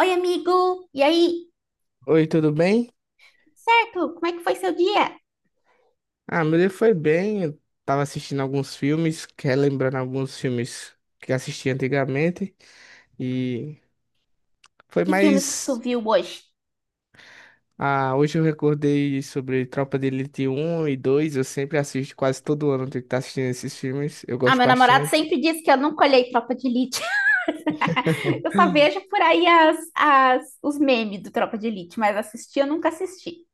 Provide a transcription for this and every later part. Oi, amigo! E aí? Oi, tudo bem? Certo? Como é que foi seu dia? Ah, meu dia foi bem. Eu tava assistindo alguns filmes, relembrando alguns filmes que assisti antigamente. E foi Que filmes que tu mais. viu hoje? Ah, hoje eu recordei sobre Tropa de Elite um e 2. Eu sempre assisto, quase todo ano eu tenho que estar assistindo esses filmes. Eu Ah, gosto meu namorado bastante. sempre diz que eu nunca olhei Tropa de Elite. Eu só vejo por aí os memes do Tropa de Elite, mas assistir eu nunca assisti.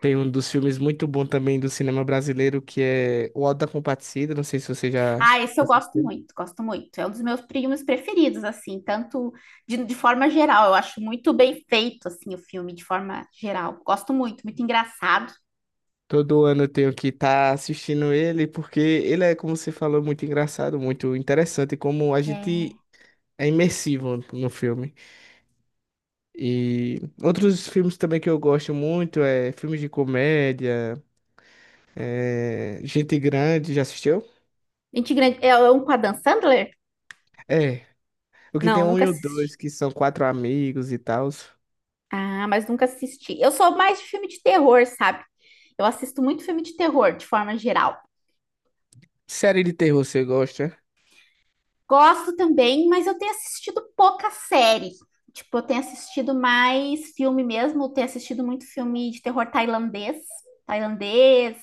Tem um dos filmes muito bom também do cinema brasileiro que é O Auto da Compadecida. Não sei se você já Ah, esse eu gosto assistiu. muito, gosto muito. É um dos meus filmes preferidos, assim, tanto de forma geral. Eu acho muito bem feito, assim, o filme, de forma geral. Gosto muito, muito engraçado. Todo ano eu tenho que estar assistindo ele, porque ele é, como você falou, muito engraçado, muito interessante, como a É... gente é imersivo no filme. E outros filmes também que eu gosto muito é filmes de comédia, é Gente Grande, já assistiu? Gente grande... É um com a Dan Sandler? É. O que tem Não, um nunca e o dois, assisti. que são quatro amigos e tal. Ah, mas nunca assisti. Eu sou mais de filme de terror, sabe? Eu assisto muito filme de terror, de forma geral. Série de terror você gosta? Gosto também, mas eu tenho assistido pouca série. Tipo, eu tenho assistido mais filme mesmo, eu tenho assistido muito filme de terror tailandês,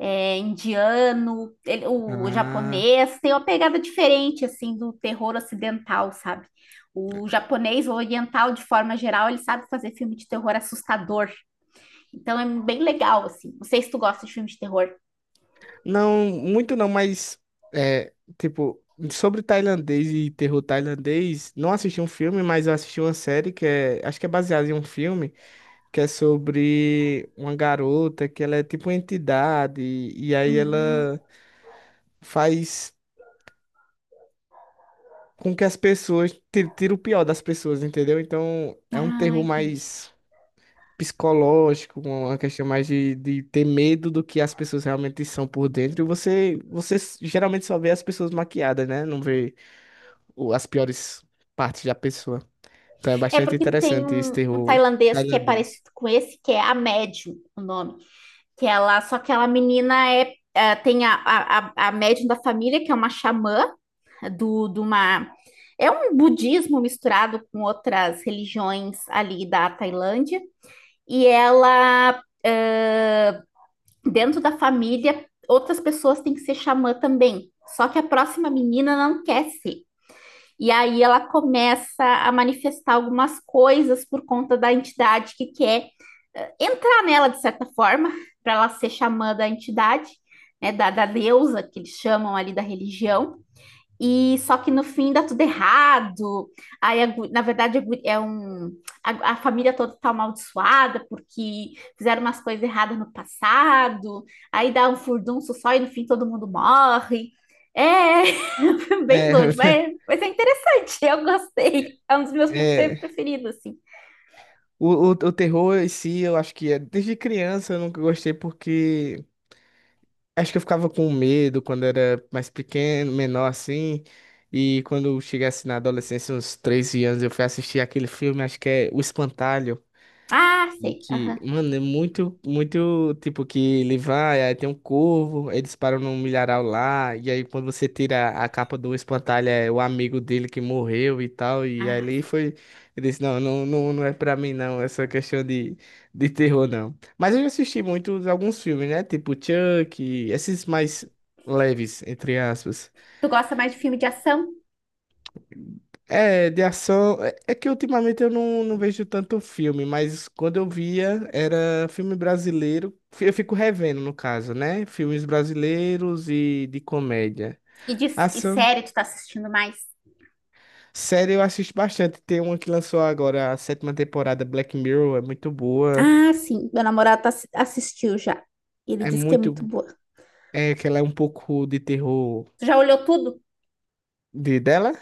indiano, o Ah. japonês, tem uma pegada diferente, assim, do terror ocidental, sabe? O japonês, o oriental, de forma geral, ele sabe fazer filme de terror assustador. Então é bem legal, assim. Não sei se tu gosta de filme de terror. Não, muito não, mas é, tipo, sobre tailandês e terror tailandês, não assisti um filme, mas eu assisti uma série que é, acho que é baseada em um filme, que é sobre uma garota que ela é tipo uma entidade e aí Hum. ela faz com que as pessoas tira o pior das pessoas, entendeu? Então, é um Ah, terror entendi. mais psicológico, uma questão mais de ter medo do que as pessoas realmente são por dentro. E você, geralmente só vê as pessoas maquiadas, né? Não vê as piores partes da pessoa. Então é É bastante porque tem interessante esse um terror tailandês que é tailandês. parecido com esse, que é a Médium, o nome. Que ela, só que ela menina tem a médium da família, que é uma xamã de uma. É um budismo misturado com outras religiões ali da Tailândia. E ela, ah, dentro da família, outras pessoas têm que ser xamã também. Só que a próxima menina não quer ser. E aí ela começa a manifestar algumas coisas por conta da entidade que quer entrar nela de certa forma, para ela ser xamã da entidade, né, da deusa que eles chamam ali da religião. E só que no fim dá tudo errado. Aí, a gu- na verdade, a gu- é um, a família toda está amaldiçoada porque fizeram umas coisas erradas no passado. Aí dá um furdunço só e no fim todo mundo morre. É bem É, doido, mas é interessante. Eu gostei. É um dos meus filmes é, preferidos, assim. o terror em si, eu acho que é, desde criança eu nunca gostei porque acho que eu ficava com medo quando era mais pequeno, menor assim. E quando eu chegasse na adolescência, uns 13 anos, eu fui assistir aquele filme, acho que é O Espantalho. Ah, E sei. que, Aham. mano, é muito, muito, tipo, que ele vai, aí tem um corvo, aí eles param num milharal lá, e aí quando você tira a capa do espantalho, é o amigo dele que morreu e tal, e aí Ah, ele sei. foi, ele disse, não, não, não, não é pra mim não, essa questão de terror não. Mas eu já assisti muitos, alguns filmes, né, tipo Chuck, esses mais leves, entre aspas. Tu gosta mais de filme de ação? É, de ação. É que ultimamente eu não, não vejo tanto filme, mas quando eu via era filme brasileiro. Eu fico revendo, no caso, né? Filmes brasileiros e de comédia. E, de, e Ação. série tu tá assistindo mais? Série eu assisto bastante. Tem uma que lançou agora a sétima temporada, Black Mirror, é muito boa. Ah, sim. Meu namorado tá, assistiu já. Ele É disse que é muito. muito boa. É que ela é um pouco de terror Tu já olhou tudo? de dela.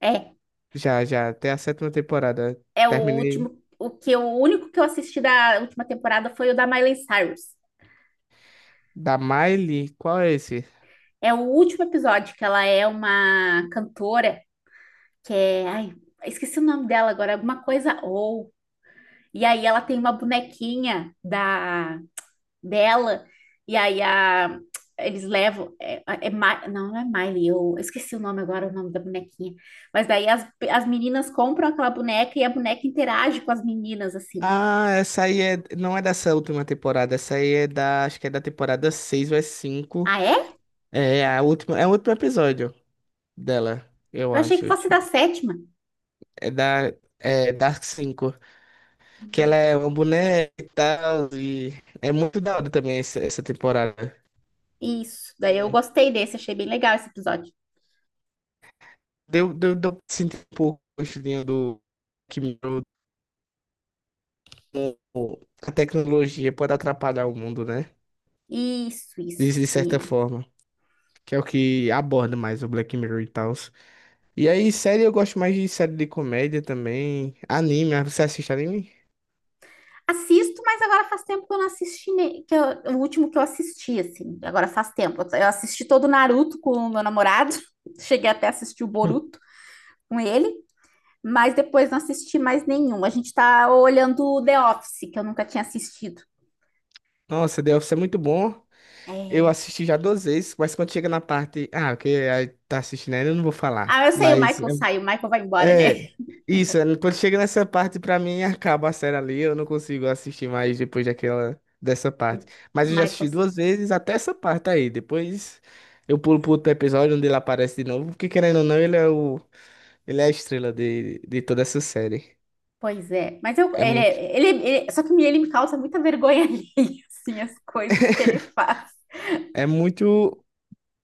É, Já, já, até a sétima temporada. é o Terminei. último, o único que eu assisti da última temporada foi o da Miley Cyrus. Da Miley? Qual é esse? É o último episódio que ela é uma cantora que é, ai, esqueci o nome dela agora, alguma coisa ou. E aí ela tem uma bonequinha da dela e aí a eles levam, não é Miley, eu esqueci o nome agora, o nome da bonequinha. Mas daí as meninas compram aquela boneca e a boneca interage com as meninas, assim. Ah, essa aí é, não é dessa última temporada, essa aí é da, acho que é da temporada 6 ou é 5. Ah, é? É a última, é o último episódio dela, eu Eu achei que acho. fosse da Tipo, sétima. É da é Dark 5 que ela é uma boneca e tal, e é muito da hora também essa temporada. Isso, daí eu Hum, gostei desse, achei bem legal esse episódio. deu pra sentir um pouco o gostinho do que melhorou como a tecnologia pode atrapalhar o mundo, né? Isso, isso De certa que forma, que é o que aborda mais o Black Mirror e tal. E aí, série, eu gosto mais de série de comédia também. Anime, ah, você assiste anime? Assisto, mas agora faz tempo que eu não assisti, o último que eu assisti assim. Agora faz tempo. Eu assisti todo o Naruto com o meu namorado. Cheguei até a assistir o Boruto com ele, mas depois não assisti mais nenhum. A gente tá olhando o The Office, que eu nunca tinha assistido. Nossa, The Office é muito bom. Eu É. assisti já duas vezes, mas quando chega na parte. Ah, que aí tá assistindo ainda, eu não vou Ah, falar. eu sei, o Mas Michael sai, o Michael vai embora, né? é. Isso, é, quando chega nessa parte, pra mim, acaba a série ali. Eu não consigo assistir mais depois daquela, dessa parte. Mas O eu já Michael assisti duas vezes até essa parte aí. Depois eu pulo pro outro episódio onde ele aparece de novo. Porque querendo ou não, ele é o. Ele é a estrela de toda essa série. pois é, mas eu, É ele, muito. é- ele- só que ele me causa muita vergonha alheia, assim, as coisas que ele faz. É muito.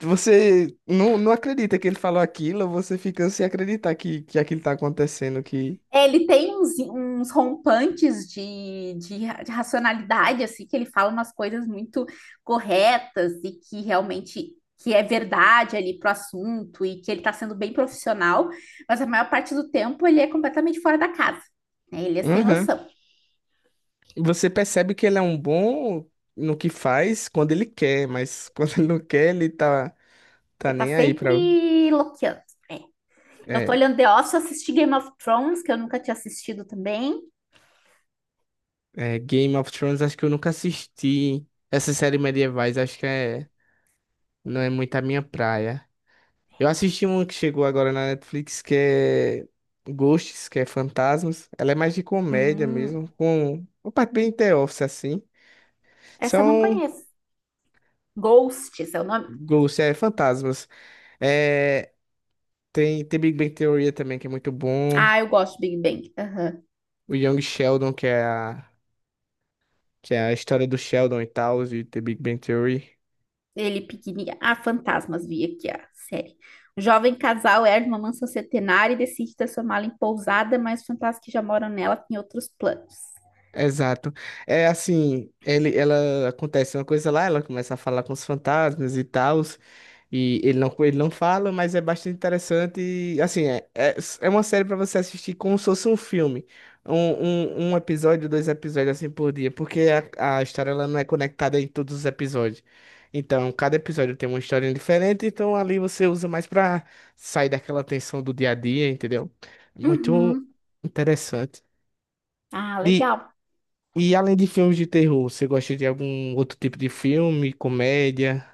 Você não, não acredita que ele falou aquilo, você fica sem acreditar que aquilo tá acontecendo, que. É, ele tem uns rompantes de racionalidade, assim, que ele fala umas coisas muito corretas e que realmente que é verdade ali pro assunto e que ele tá sendo bem profissional, mas a maior parte do tempo ele é completamente fora da casa, né? Ele é sem Uhum. noção. Você percebe que ele é um bom no que faz quando ele quer, mas quando ele não quer, ele tá, tá Ele tá nem aí pra. sempre loqueando. Eu tô É, olhando The Office, assisti Game of Thrones, que eu nunca tinha assistido também. é, Game of Thrones, acho que eu nunca assisti. Essa série medievais, acho que é, não é muito a minha praia. Eu assisti uma que chegou agora na Netflix, que é Ghosts, que é Fantasmas. Ela é mais de comédia Hum, mesmo, com uma parte bem The Office, assim. essa eu não São conheço. Ghosts é o nome? Ghosts, é Fantasmas. É, tem Big Bang Theory também, que é muito bom. Ah, eu gosto de Big Bang. Aham. O Young Sheldon, que é a história do Sheldon e tal, e The Big Bang Theory. Ele pequenininho. Ah, fantasmas, vi aqui a série. O jovem casal herda uma mansão centenária e decide transformá-la em pousada, mas os fantasmas que já moram nela têm outros planos. Exato. É assim, ele, ela acontece uma coisa lá, ela começa a falar com os fantasmas e tal, e ele não fala, mas é bastante interessante. E, assim, é uma série para você assistir como se fosse um filme. Um, um episódio, dois episódios assim por dia, porque a história ela não é conectada em todos os episódios. Então, cada episódio tem uma história diferente, então ali você usa mais para sair daquela tensão do dia a dia, entendeu? Muito Uhum. interessante. Ah, E, legal. e além de filmes de terror, você gosta de algum outro tipo de filme, comédia,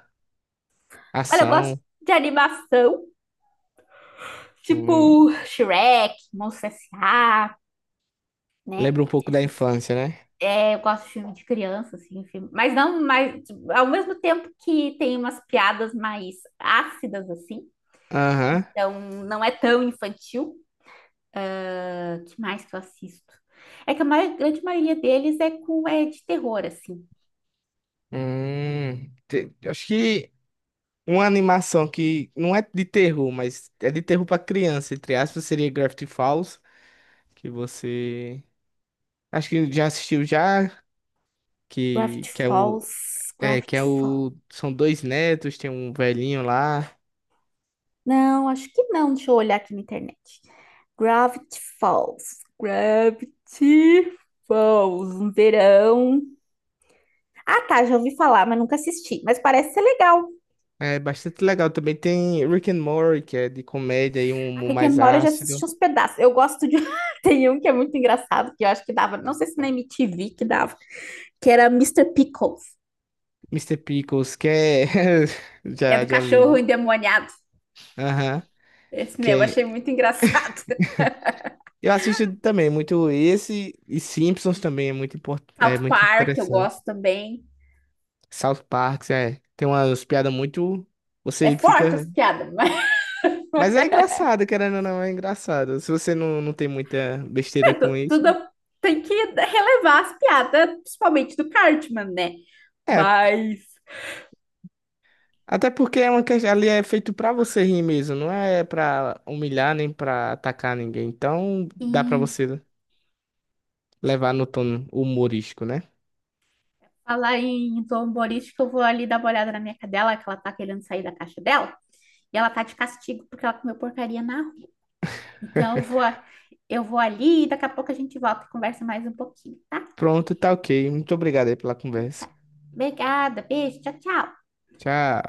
Olha, eu gosto ação? de animação, Hum, tipo Shrek, Monstros S.A., né? lembra um pouco da Esses infância, né? é, eu gosto de filme de criança, assim, mas não, mas tipo, ao mesmo tempo que tem umas piadas mais ácidas, assim, Aham. então não é tão infantil. Ah, que mais que eu assisto? É que a maior, grande maioria deles é com é de terror, assim. Acho que uma animação que não é de terror, mas é de terror pra criança, entre aspas, seria Gravity Falls, que você acho que já assistiu já, que Gravity que é o Falls, é que Gravity é Falls. o são dois netos, tem um velhinho lá. Não, acho que não. Deixa eu olhar aqui na internet. Gravity Falls, Gravity Falls, um verão. Ah, tá, já ouvi falar, mas nunca assisti. Mas parece ser legal. É bastante legal. Também tem Rick and Morty, que é de comédia e um A humor Rick and mais Morty eu já assisti ácido. uns pedaços. Eu gosto de. Tem um que é muito engraçado, que eu acho que dava. Não sei se na MTV que dava, que era Mister Pickles. Mister Pickles, que é. É do Já, já cachorro vi. endemoniado. Aham. Esse Que mesmo, achei é... muito engraçado. Eu assisto também muito esse. E Simpsons também é muito, import... é South muito Park, eu interessante. gosto também. South Park, é. Tem umas piadas muito. É Você forte as fica. piadas, mas Mas é engraçado, querendo ou não, é engraçado. Se você não, não tem muita besteira com isso. tudo tem que relevar as piadas, principalmente do Cartman, né? É, Mas até porque é uma questão, ali é feito pra você rir mesmo, não é pra humilhar nem pra atacar ninguém. Então dá pra em você levar no tom humorístico, né? falar em zomborística, eu vou ali dar uma olhada na minha cadela, que ela tá querendo sair da caixa dela. E ela tá de castigo porque ela comeu porcaria na rua. Então eu vou ali e daqui a pouco a gente volta e conversa mais um pouquinho, tá? Pronto, tá ok. Muito obrigado aí pela conversa. Tá. Obrigada, beijo, tchau, tchau. Tchau.